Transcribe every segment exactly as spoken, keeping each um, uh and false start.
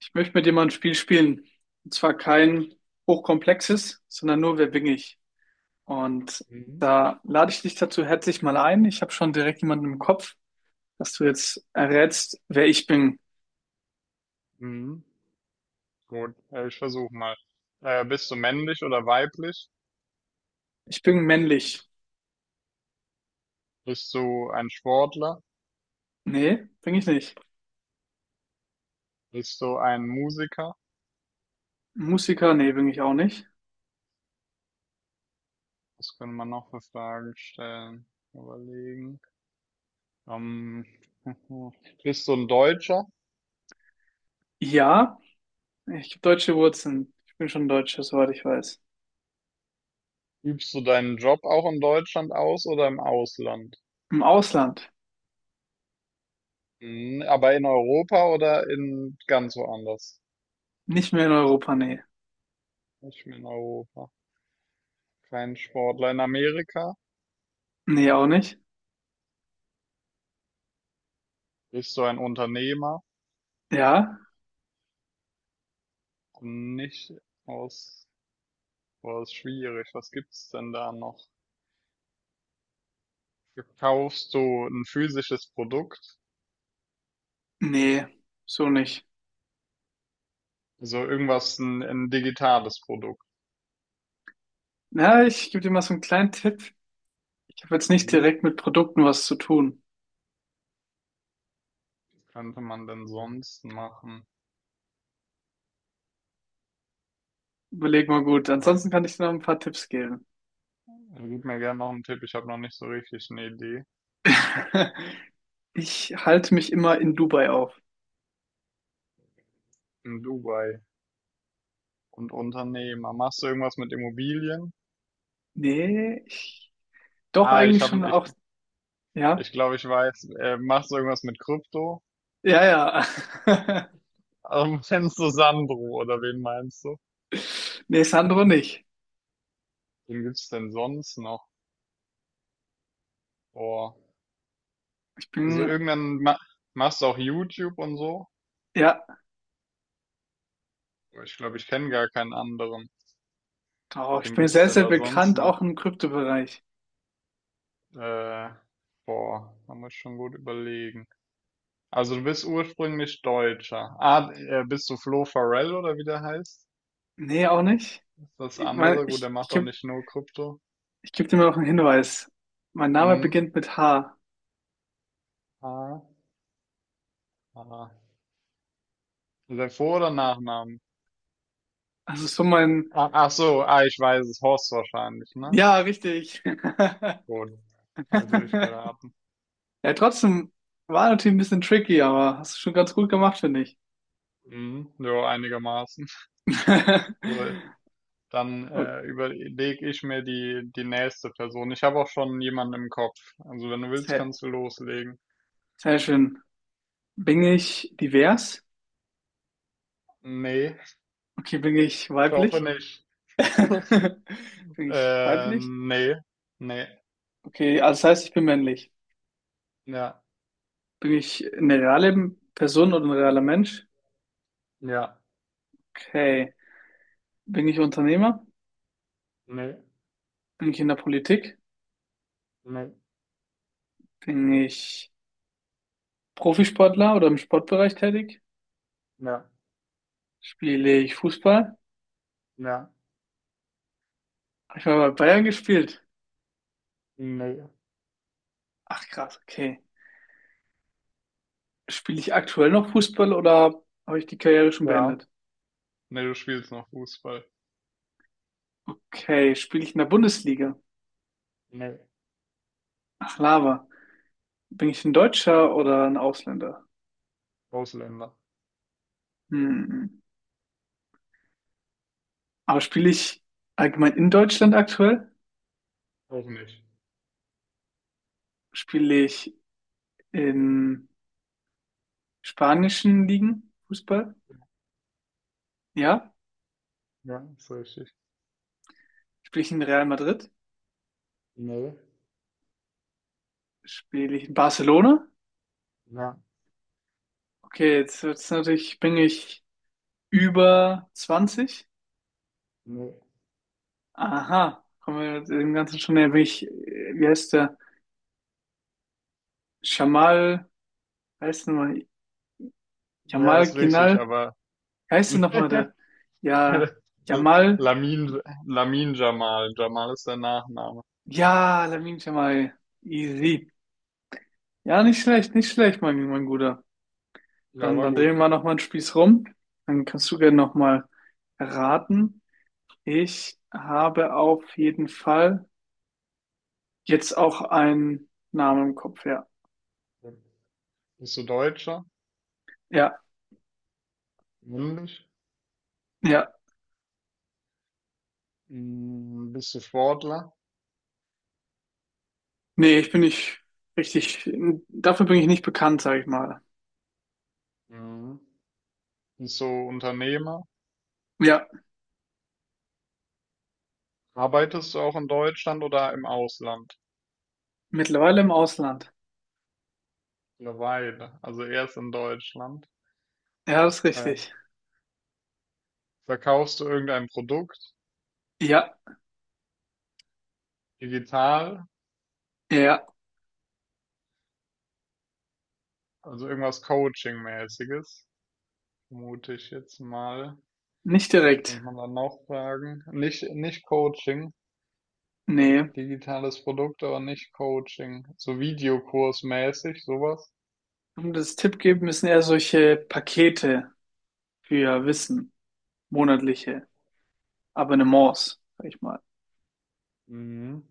Ich möchte mit dir mal ein Spiel spielen. Und zwar kein hochkomplexes, sondern nur: Wer bin ich? Und Mhm. da lade ich dich dazu herzlich mal ein. Ich habe schon direkt jemanden im Kopf, dass du jetzt errätst, wer ich bin. Mhm. Gut, äh, ich versuche mal. Äh, bist du männlich oder weiblich? Ich bin männlich. Bist du ein Sportler? Nee, bin ich nicht. Bist du ein Musiker? Musiker, nee, bin ich auch nicht. Was können wir noch für Fragen stellen? Überlegen. Ähm, bist du ein Deutscher? Ja, ich habe deutsche Wurzeln. Ich bin schon Deutscher, soweit ich weiß. Übst du deinen Job auch in Deutschland aus oder im Ausland? Im Ausland. Mhm. Aber in Europa oder in ganz woanders? Nicht mehr in Europa, nee. Nicht mehr in Europa. Kein Sportler in Amerika? Nee, auch nicht. Bist du ein Unternehmer? Ja, Nicht aus. Boah, ist schwierig. Was gibt's denn da noch? Verkaufst du ein physisches Produkt? nee, so nicht. Also irgendwas, ein, ein digitales Produkt. Na, ich gebe dir mal so einen kleinen Tipp. Ich habe jetzt nicht Mhm. direkt mit Produkten was zu tun. Was könnte man denn sonst machen? Überleg mal gut. Aber ich- Ansonsten kann ich dir noch ein paar Tipps geben. Also gib mir gerne noch einen Tipp. Ich habe noch nicht so richtig eine Idee. Ich halte mich immer in Dubai auf. In Dubai und Unternehmer. Machst du irgendwas mit Immobilien? Nee, ich, doch Ah, ich eigentlich schon habe, ich, auch, ja, ich glaube, ich weiß. Äh, machst du irgendwas mit Krypto? ja, ja. Also, kennst du Sandro oder wen meinst du? Nee, Sandro nicht. Wen gibt's denn sonst noch? Boah. Ich Also bin, irgendwann ma Machst du auch YouTube und so. ja, Aber ich glaube, ich kenne gar keinen anderen. doch, ich Wen bin gibt's sehr, denn sehr da sonst bekannt, auch noch? im Kryptobereich. Äh, Boah, man muss schon gut überlegen. Also du bist ursprünglich Deutscher. Ah, äh, bist du Flo Farrell oder wie der heißt? Nee, auch nicht. Ist das Ich meine, andere? Gut, ich, der ich macht doch gebe nicht nur Krypto. ich geb dir mal noch einen Hinweis. Mein Name Mhm. beginnt mit H. Ah, ah. Ist der Vor- oder Nachnamen? Also so mein, Ah, ach so, ah, ich weiß es. Horst wahrscheinlich, ne? ja, richtig. Gut. Habe ich durchgeraten. Ja, trotzdem war natürlich ein bisschen tricky, aber hast du schon ganz gut gemacht, finde ich. Mhm. Jo, einigermaßen. So, dann, Oh, äh, überlege ich mir die die nächste Person. Ich habe auch schon jemanden im Kopf. Also, wenn du willst, sehr, kannst du loslegen. sehr schön. Bin ich divers? Ne, Okay, bin ich ich hoffe weiblich? nicht. Bin ich Äh, weiblich? Ne, ne, Okay, also das heißt, ich bin männlich. ja, Bin ich eine reale Person oder ein realer Mensch? ja, Okay. Bin ich Unternehmer? ne, Bin ich in der Politik? ne, Bin ich Profisportler oder im Sportbereich tätig? ja, Spiele ich Fußball? ja, Habe ich mal bei Bayern gespielt? ne, Ach krass, okay. Spiele ich aktuell noch Fußball oder habe ich die Karriere schon ja. beendet? Ne, du spielst noch Fußball. Okay, spiele ich in der Bundesliga? Ne, Ach, Lava. Bin ich ein Deutscher oder ein Ausländer? Ausländer. Hm. Aber spiele ich allgemein in Deutschland aktuell? Auch nicht. Spiele ich in spanischen Ligen Fußball? Ja. Ja, ist richtig. Spiele ich in Real Madrid? Ne, Spiele ich in Barcelona? ja, Okay, jetzt wird's natürlich, bin ich über zwanzig? ne. Aha, kommen wir dem Ganzen schon näher. Bin ich, äh, wie heißt der? Jamal heißt nochmal Ja, Jamal ist richtig, Ginal. aber Wie heißt denn nochmal der? Ja, Jamal. Lamin, Lamin Jamal. Jamal ist der Nachname. Ja, Lamine Jamal. Easy. Ja, nicht schlecht, nicht schlecht, mein, mein Guter. Ja, Dann, war dann gut. drehen wir nochmal einen Spieß rum. Dann kannst du gerne nochmal raten. Ich habe auf jeden Fall jetzt auch einen Namen im Kopf, ja. Bist du Deutscher? Ja, Männlich? ja. Mm, bist du Sportler? Nee, ich bin nicht richtig. Dafür bin ich nicht bekannt, sage ich mal. Mhm. Bist du Unternehmer? Ja, Arbeitest du auch in Deutschland oder im Ausland? mittlerweile im Ausland. Eine Weile, also erst in Deutschland. Ja, das ist Äh, richtig. Verkaufst du irgendein Produkt? Ja, Digital? ja. Also irgendwas Coaching-mäßiges? Vermute ich jetzt mal. Nicht Was direkt. könnte man dann noch fragen? Nicht, nicht Coaching. Nee. Digitales Produkt, aber nicht Coaching. So Videokursmäßig, sowas. Um das Tipp geben müssen eher solche Pakete für Wissen, monatliche Abonnements, sag ich mal. Mhm.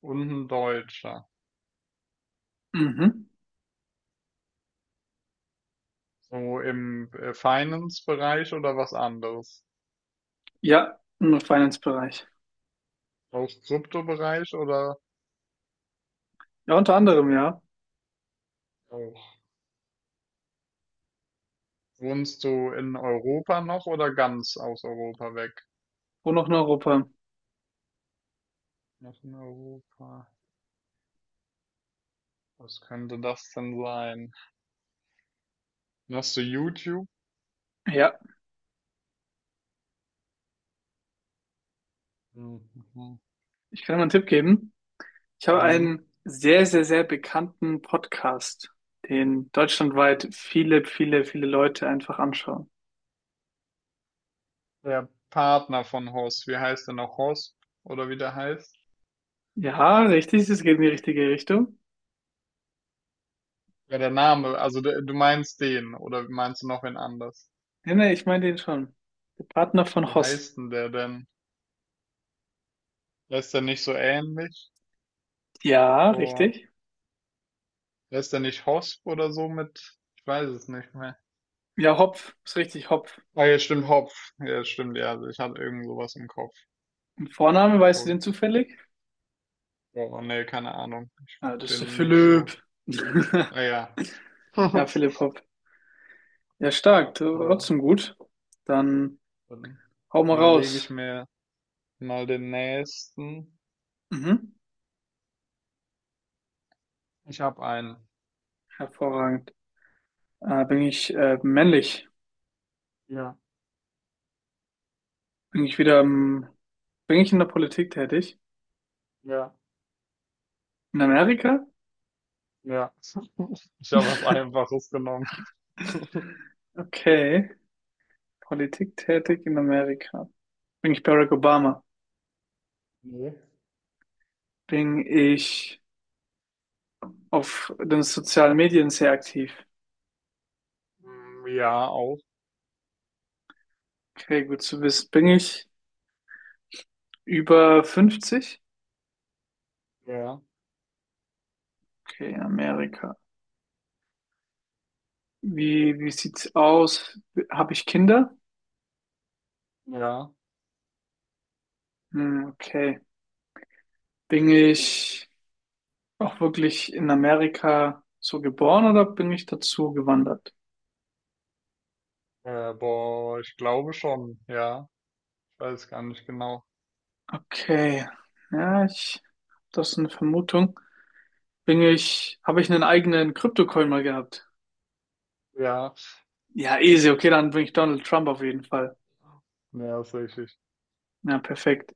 Und ein Deutscher. Mhm. So im äh, Finance-Bereich oder was anderes? Ja, im Finance-Bereich. Auch Kryptobereich oder Ja, unter anderem, ja. auch? Wohnst du in Europa noch oder ganz aus Europa weg? Wo noch in Europa? Noch in Europa. Was könnte das denn sein? Hast du YouTube? Ja, Mhm. ich kann dir mal einen Tipp geben. Ich habe Mhm. einen sehr, sehr, sehr bekannten Podcast, den deutschlandweit viele, viele, viele Leute einfach anschauen. Der Partner von Horst, wie heißt der noch? Horst? Oder wie der heißt? Ja, richtig, das geht in die richtige Richtung. Ja, der Name, also der, du meinst den, oder meinst du noch wen anders? Nee, nee, ich meine den schon. Der Partner Wie von Hoss. heißt denn der denn? Der ist der nicht so ähnlich? Ja, Boah, richtig. der ist der nicht Hosp oder so mit? Ich weiß es nicht mehr. Ja, Hopf, ist richtig, Hopf. Ah, ja, stimmt, Hopf. Ja, stimmt, ja, also ich hatte irgend sowas im Kopf. Und Vorname, weißt du Gut. den zufällig? Boah, nee, keine Ahnung. Ich Ja, find das ist der den nicht so. Philipp. Ah ja. Ja, Philipp Hopf. Ja, stark, Boah, trotzdem gut. Dann dann hau mal überlege ich raus. mir mal den nächsten. Mhm. Ich habe einen. Hervorragend. Äh, bin ich äh, männlich? Ja, Bin ich wieder im, bin ich in der Politik tätig? ja, In Amerika? ja. Ich habe was Einfaches genommen. Okay. Politik tätig in Amerika. Bin ich Barack Obama? Ne? Bin ich auf den sozialen Medien sehr aktiv? Hm, ja, auch. Okay, gut zu wissen. Bin ich über fünfzig? Ja, Okay, in Amerika. Wie, wie sieht's aus? Habe ich Kinder? ja. Hm, okay. Bin ich auch wirklich in Amerika so geboren oder bin ich dazu gewandert? Äh, boah, ich glaube schon. Ja, ich weiß gar nicht genau. Okay. Ja, ich, das ist eine Vermutung. Bin ich, habe ich einen eigenen Kryptocoin mal gehabt? Ja, Ja, easy. Okay, dann bin ich Donald Trump auf jeden Fall. ne, hast recht. Ja, perfekt.